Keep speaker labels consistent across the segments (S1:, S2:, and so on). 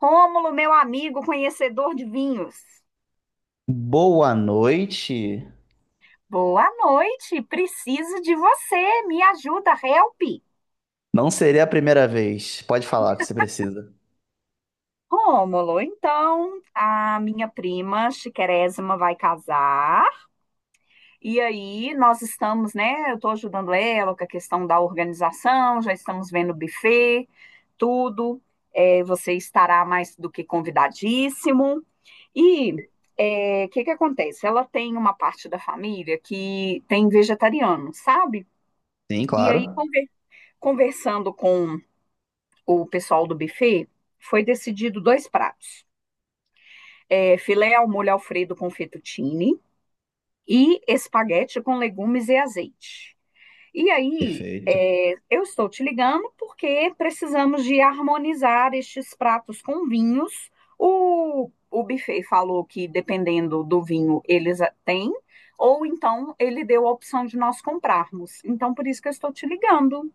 S1: Rômulo, meu amigo conhecedor de vinhos.
S2: Boa noite.
S1: Boa noite, preciso de você, me ajuda, help.
S2: Não seria a primeira vez. Pode falar o que você precisa.
S1: Rômulo, então a minha prima Chiquerésima vai casar e aí nós estamos, né? Eu estou ajudando ela com a questão da organização, já estamos vendo o buffet, tudo. É, você estará mais do que convidadíssimo. E o que que acontece? Ela tem uma parte da família que tem vegetariano, sabe?
S2: Sim,
S1: E aí,
S2: claro.
S1: conversando com o pessoal do buffet, foi decidido dois pratos: é, filé ao molho Alfredo com fettuccine e espaguete com legumes e azeite. E aí,
S2: Perfeito.
S1: eu estou te ligando porque precisamos de harmonizar estes pratos com vinhos. O buffet falou que, dependendo do vinho, eles têm, ou então ele deu a opção de nós comprarmos. Então, por isso que eu estou te ligando.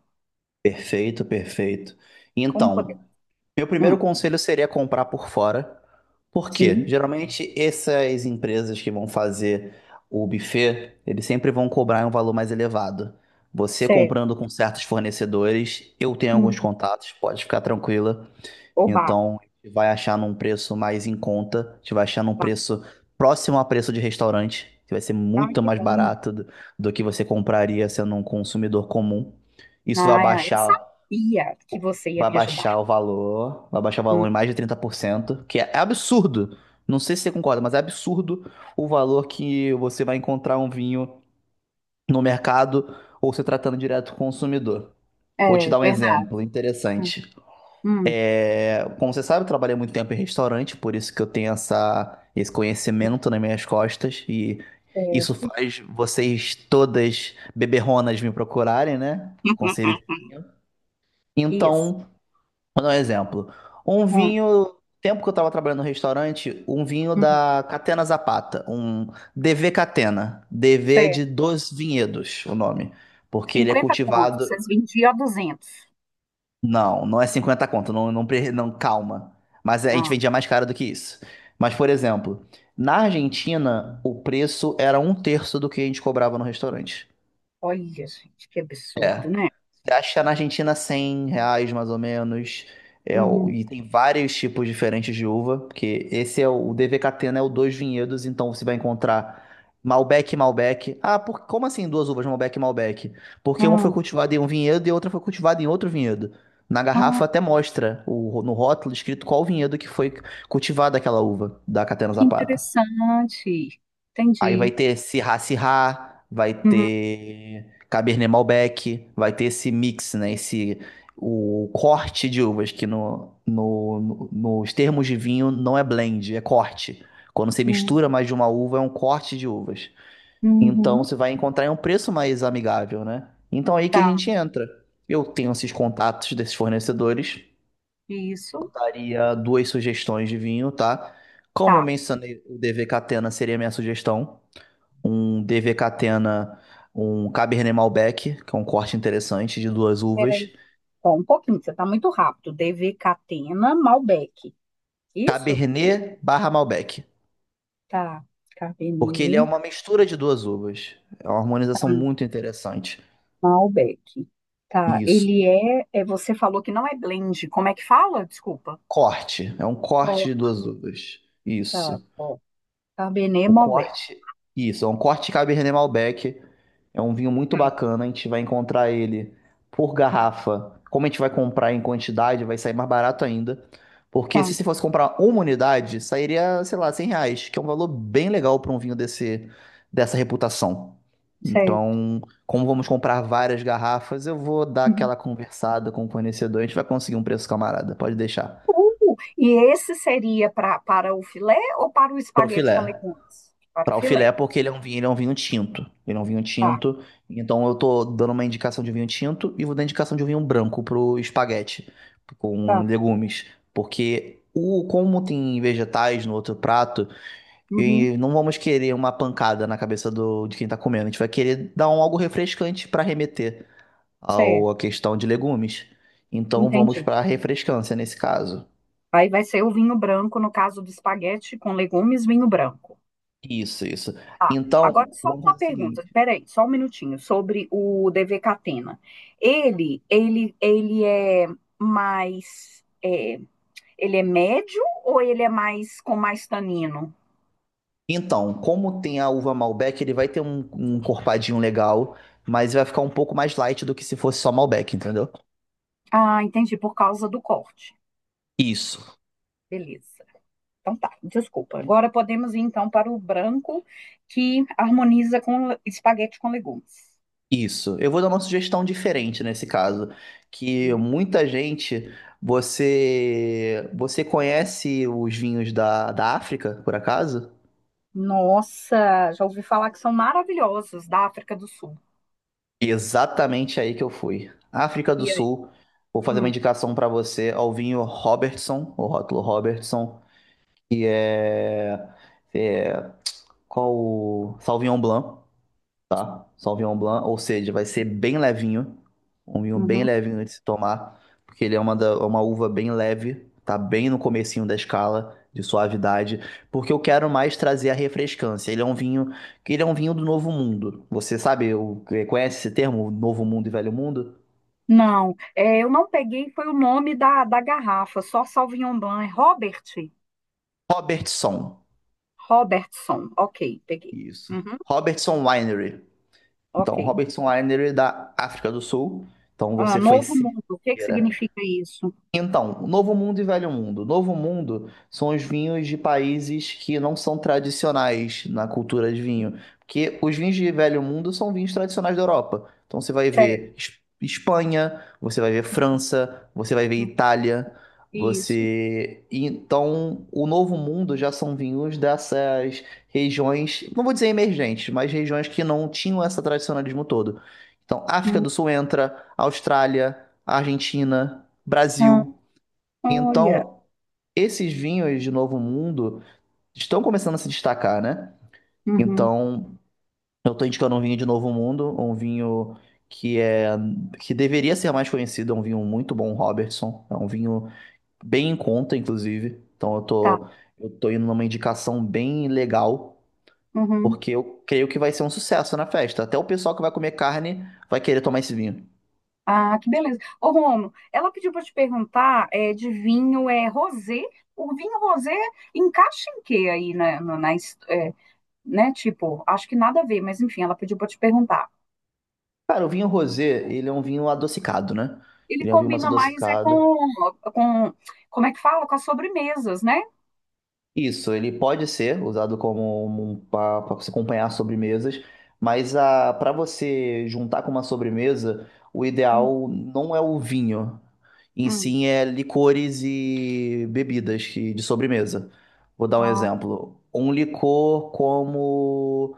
S2: Perfeito, perfeito.
S1: Como poder?
S2: Então, meu primeiro
S1: Hum,
S2: conselho seria comprar por fora. Por quê?
S1: sim.
S2: Geralmente essas empresas que vão fazer o buffet, eles sempre vão cobrar um valor mais elevado. Você
S1: Certo.
S2: comprando com certos fornecedores, eu tenho alguns
S1: Uhum.
S2: contatos, pode ficar tranquila.
S1: Oba,
S2: Então, a gente vai achar num preço mais em conta, a gente vai achar num
S1: oba.
S2: preço próximo a preço de restaurante, que vai ser
S1: Ai,
S2: muito
S1: que
S2: mais
S1: bom.
S2: barato do que você compraria sendo um consumidor comum. Isso
S1: Ai, ai, eu sabia que você ia
S2: vai
S1: me ajudar.
S2: baixar o valor, vai baixar o
S1: Hum,
S2: valor em mais de 30%, que é absurdo. Não sei se você concorda, mas é absurdo o valor que você vai encontrar um vinho no mercado ou se tratando direto com o consumidor. Vou te
S1: É
S2: dar um
S1: verdade.
S2: exemplo
S1: Hum,
S2: interessante.
S1: hum,
S2: É, como você sabe, eu trabalhei muito tempo em restaurante, por isso que eu tenho essa, esse conhecimento nas minhas costas e isso
S1: certo.
S2: faz vocês todas beberronas me procurarem, né? O conselho de vinho.
S1: Isso.
S2: Então, vou dar um exemplo. Um
S1: Hum,
S2: vinho, tempo que eu estava trabalhando no restaurante, um vinho
S1: hum,
S2: da Catena Zapata, um DV Catena. DV é
S1: certo.
S2: de Dos Vinhedos, o nome, porque ele é
S1: 50 contos,
S2: cultivado.
S1: vocês vendiam a 200.
S2: Não, não é 50 conto, não, não, não, calma. Mas a gente
S1: Ah,
S2: vendia mais caro do que isso. Mas, por exemplo, na Argentina, o preço era um terço do que a gente cobrava no restaurante.
S1: olha, gente, que absurdo,
S2: É.
S1: né?
S2: Acho que tá na Argentina 100 reais, mais ou menos. É,
S1: Uhum.
S2: e tem vários tipos diferentes de uva, porque esse é o DVKT, né? O Dois Vinhedos, então você vai encontrar Malbec e Malbec. Ah, como assim duas uvas, Malbec e Malbec? Porque uma foi
S1: Ah,
S2: cultivada em um vinhedo e a outra foi cultivada em outro vinhedo. Na
S1: ah,
S2: garrafa até mostra no rótulo escrito qual vinhedo que foi cultivada aquela uva da Catena
S1: que
S2: Zapata.
S1: interessante.
S2: Aí vai
S1: Entendi.
S2: ter Sirá Sirá, vai
S1: Uhum,
S2: ter Cabernet Malbec, vai ter esse mix, né? Esse, o corte de uvas, que nos termos de vinho não é blend, é corte. Quando você mistura
S1: uhum,
S2: mais de uma uva, é um corte de uvas. Então
S1: uhum.
S2: você vai encontrar em um preço mais amigável, né? Então aí que a
S1: Tá,
S2: gente entra. Eu tenho esses contatos desses fornecedores,
S1: isso.
S2: daria duas sugestões de vinho, tá? Como eu
S1: Tá.
S2: mencionei, o DV Catena seria a minha sugestão. Um DV Catena, um Cabernet Malbec, que é um corte interessante de duas uvas.
S1: Ó, um pouquinho, você tá muito rápido. DV Catena, Malbec. Isso?
S2: Cabernet/Malbec,
S1: Tá.
S2: porque ele é
S1: Cabernet,
S2: uma mistura de duas uvas. É uma harmonização muito interessante.
S1: Malbec. Tá.
S2: Isso.
S1: Ele é. Você falou que não é blend. Como é que fala? Desculpa.
S2: Corte, é um corte
S1: Ó,
S2: de duas uvas.
S1: tá
S2: Isso.
S1: ó. Cabernet,
S2: O
S1: Malbec.
S2: corte, isso, é um corte Cabernet Malbec. É um vinho muito
S1: Tá,
S2: bacana. A gente vai encontrar ele por garrafa. Como a gente vai comprar em quantidade, vai sair mais barato ainda. Porque se
S1: tá.
S2: você fosse comprar uma unidade, sairia, sei lá, 100 reais, que é um valor bem legal para um vinho desse, dessa reputação.
S1: Certo.
S2: Então, como vamos comprar várias garrafas, eu vou dar
S1: Uhum.
S2: aquela conversada com o fornecedor. A gente vai conseguir um preço camarada, pode deixar.
S1: E esse seria para o filé ou para o
S2: Pro
S1: espaguete com
S2: filé.
S1: legumes? Para o
S2: Para o
S1: filé.
S2: filé, porque ele é um vinho, ele é um vinho tinto. Ele é um vinho
S1: Tá,
S2: tinto. Então eu tô dando uma indicação de vinho tinto e vou dar indicação de um vinho branco pro espaguete com
S1: tá.
S2: legumes, porque o como tem vegetais no outro prato,
S1: Uhum.
S2: e não vamos querer uma pancada na cabeça do de quem tá comendo. A gente vai querer dar um algo refrescante para remeter ao
S1: Certo.
S2: à questão de legumes. Então vamos
S1: Entendi.
S2: para refrescância nesse caso.
S1: Aí vai ser o vinho branco, no caso do espaguete com legumes, vinho branco.
S2: Isso, isso.
S1: Ah, agora
S2: Então,
S1: só
S2: vamos
S1: uma
S2: fazer o
S1: pergunta,
S2: seguinte.
S1: peraí, só um minutinho, sobre o DV Catena. Ele é mais, ele é médio ou ele é mais com mais tanino?
S2: Então, como tem a uva Malbec, ele vai ter um encorpadinho legal, mas vai ficar um pouco mais light do que se fosse só Malbec, entendeu?
S1: Ah, entendi, por causa do corte.
S2: Isso,
S1: Beleza. Então tá, desculpa. Agora podemos ir então para o branco que harmoniza com espaguete com legumes.
S2: isso. Eu vou dar uma sugestão diferente nesse caso, que muita gente, você conhece os vinhos da África, por acaso?
S1: Nossa, já ouvi falar que são maravilhosos da África do Sul.
S2: Exatamente aí que eu fui. África do
S1: E aí?
S2: Sul, vou fazer uma
S1: Hum,
S2: indicação para você ao vinho Robertson, o rótulo Robertson, que é qual o Sauvignon Blanc, tá? Sauvignon Blanc, ou seja, vai ser bem levinho, um vinho bem
S1: uhum.
S2: levinho de se tomar, porque ele é uma uva bem leve, tá bem no comecinho da escala de suavidade, porque eu quero mais trazer a refrescância. Ele é um vinho, que ele é um vinho do Novo Mundo. Você sabe, conhece esse termo, Novo Mundo e Velho Mundo?
S1: Não, eu não peguei, foi o nome da garrafa, só Sauvignon Blanc, é
S2: Robertson,
S1: Robertson, ok, peguei.
S2: isso.
S1: Uhum,
S2: Robertson Winery. Então,
S1: ok.
S2: Robertson Winery é da África do Sul. Então,
S1: Ah,
S2: você foi
S1: Novo Mundo, o que que
S2: certeira.
S1: significa isso?
S2: Então, Novo Mundo e Velho Mundo. Novo Mundo são os vinhos de países que não são tradicionais na cultura de vinho, porque os vinhos de Velho Mundo são vinhos tradicionais da Europa. Então você vai
S1: Certo,
S2: ver Espanha, você vai ver França, você vai ver Itália,
S1: isso.
S2: você... Então, o Novo Mundo já são vinhos dessas regiões, não vou dizer emergentes, mas regiões que não tinham esse tradicionalismo todo. Então, África
S1: Uhum,
S2: do Sul entra, Austrália, Argentina... Brasil.
S1: olha,
S2: Então, esses vinhos de Novo Mundo estão começando a se destacar, né?
S1: uhum,
S2: Então, eu estou indicando um vinho de Novo Mundo, um vinho que é que deveria ser mais conhecido, é um vinho muito bom, Robertson. É um vinho bem em conta, inclusive. Então, eu
S1: tá,
S2: tô, eu tô indo numa indicação bem legal,
S1: uhum.
S2: porque eu creio que vai ser um sucesso na festa. Até o pessoal que vai comer carne vai querer tomar esse vinho.
S1: Ah, que beleza. Ô, Romo, ela pediu para te perguntar, de vinho, é rosé? O vinho rosé encaixa em quê aí, né, né, tipo, acho que nada a ver, mas enfim, ela pediu para te perguntar.
S2: Cara, o vinho rosé, ele é um vinho adocicado, né?
S1: Ele
S2: Ele é um vinho mais
S1: combina mais é
S2: adocicado.
S1: com, como é que fala? Com as sobremesas, né?
S2: Isso, ele pode ser usado como para você acompanhar sobremesas, mas a para você juntar com uma sobremesa, o
S1: Hum,
S2: ideal não é o vinho, em
S1: hum.
S2: sim é licores e bebidas de sobremesa. Vou dar um
S1: Ah,
S2: exemplo. Um licor como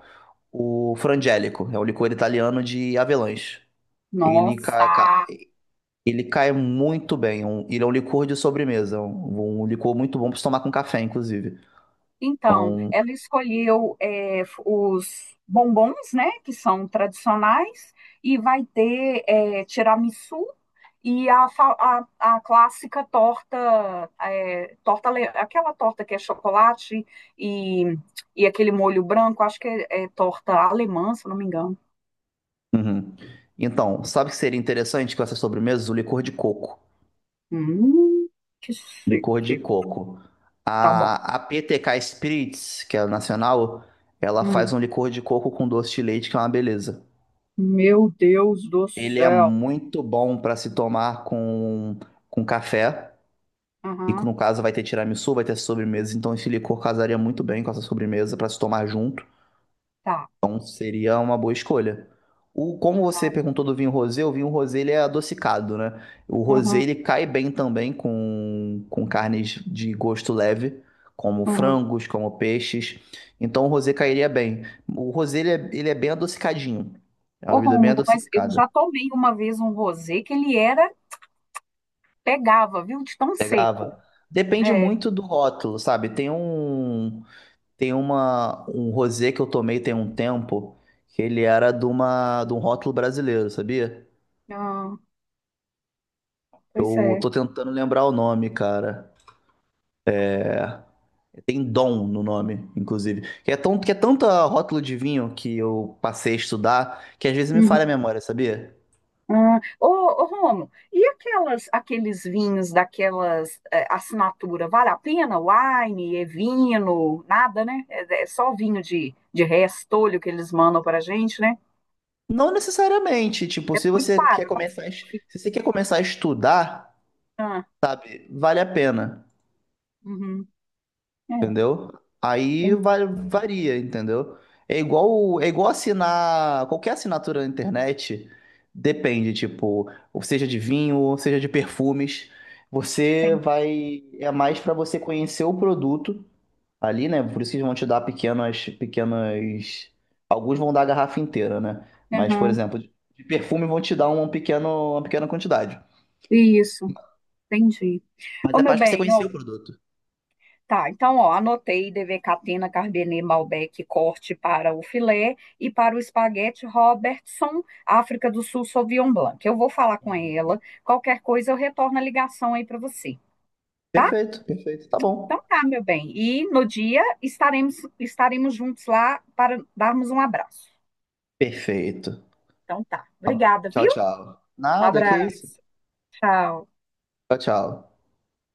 S2: o Frangélico, é um licor italiano de avelãs. Ele,
S1: nossa!
S2: ca- ca- ele cai muito bem, ele é um licor de sobremesa, um licor muito bom para se tomar com café, inclusive.
S1: Então, ela escolheu, os bombons, né? Que são tradicionais, e vai ter, tiramisu e a clássica torta, aquela torta que é chocolate e, e aquele molho branco, acho que é torta alemã, se eu não me engano.
S2: Uhum. Então, sabe o que seria interessante com essas sobremesas? O licor de coco.
S1: Hum, que
S2: Licor de
S1: chique.
S2: coco.
S1: Tá bom.
S2: A PTK Spirits, que é a nacional, ela faz
S1: Hum,
S2: um licor de coco com doce de leite, que é uma beleza.
S1: meu Deus do
S2: Ele é
S1: céu.
S2: muito bom para se tomar com café. E
S1: Aham,
S2: no caso vai ter tiramisu, vai ter sobremesa. Então esse licor casaria muito bem com essa sobremesa para se tomar junto.
S1: tá,
S2: Seria uma boa escolha. O, como você
S1: tá.
S2: perguntou do vinho rosé, o vinho rosé ele é adocicado, né? O rosé
S1: Aham,
S2: ele cai bem também com carnes de gosto leve, como
S1: aham.
S2: frangos, como peixes. Então o rosé cairia bem. O rosé ele é bem adocicadinho. É uma
S1: Ô,
S2: bebida bem
S1: Rômulo, mas eu
S2: adocicada.
S1: já tomei uma vez um rosé que ele era, pegava, viu? De tão seco.
S2: Pegava. Depende
S1: É,
S2: muito do rótulo, sabe? Tem um tem uma um rosé que eu tomei tem um tempo que ele era de um rótulo brasileiro, sabia?
S1: ah, pois
S2: Eu
S1: é.
S2: tô tentando lembrar o nome, cara. Tem Dom no nome, inclusive. Que é tanta rótulo de vinho que eu passei a estudar que às vezes me falha a
S1: Uhum.
S2: memória, sabia?
S1: Ah, ô, Rômulo, e aquelas, aqueles vinhos daquelas assinatura, vale a pena? Wine, é vinho, nada, né? É só vinho de restolho que eles mandam pra gente, né?
S2: Não necessariamente. Tipo,
S1: É
S2: se
S1: muito
S2: você quer
S1: barato.
S2: começar,
S1: Fica-
S2: se você quer começar a estudar,
S1: ah,
S2: vale a pena.
S1: uhum. É.
S2: entendeu? Aí
S1: Tem,
S2: vai, varia, entendeu? É igual assinar qualquer assinatura na internet, depende, tipo, ou seja de vinho, ou seja de perfumes, você
S1: tem.
S2: vai, é mais para você conhecer o produto ali, né? Por isso que eles vão te dar pequenas, pequenas, alguns vão dar a garrafa inteira, né? Mas, por
S1: Aham.
S2: exemplo, de perfume vão te dar um pequeno, uma pequena quantidade.
S1: Isso, entendi.
S2: Mas
S1: Ô,
S2: é
S1: meu
S2: mais pra você
S1: bem,
S2: conhecer
S1: ó,
S2: o produto.
S1: tá, então, ó, anotei DV Catena, Carbenet, Malbec, corte para o filé e para o espaguete Robertson, África do Sul, Sauvignon Blanc. Eu vou falar com ela, qualquer coisa eu retorno a ligação aí para você, tá?
S2: Perfeito, perfeito. Tá bom.
S1: Então tá, meu bem. E no dia estaremos juntos lá para darmos um abraço.
S2: Perfeito.
S1: Então tá.
S2: Tá bom.
S1: Obrigada,
S2: Tchau,
S1: viu?
S2: tchau.
S1: Um
S2: Nada, que isso.
S1: abraço. Tchau.
S2: Tchau, tchau.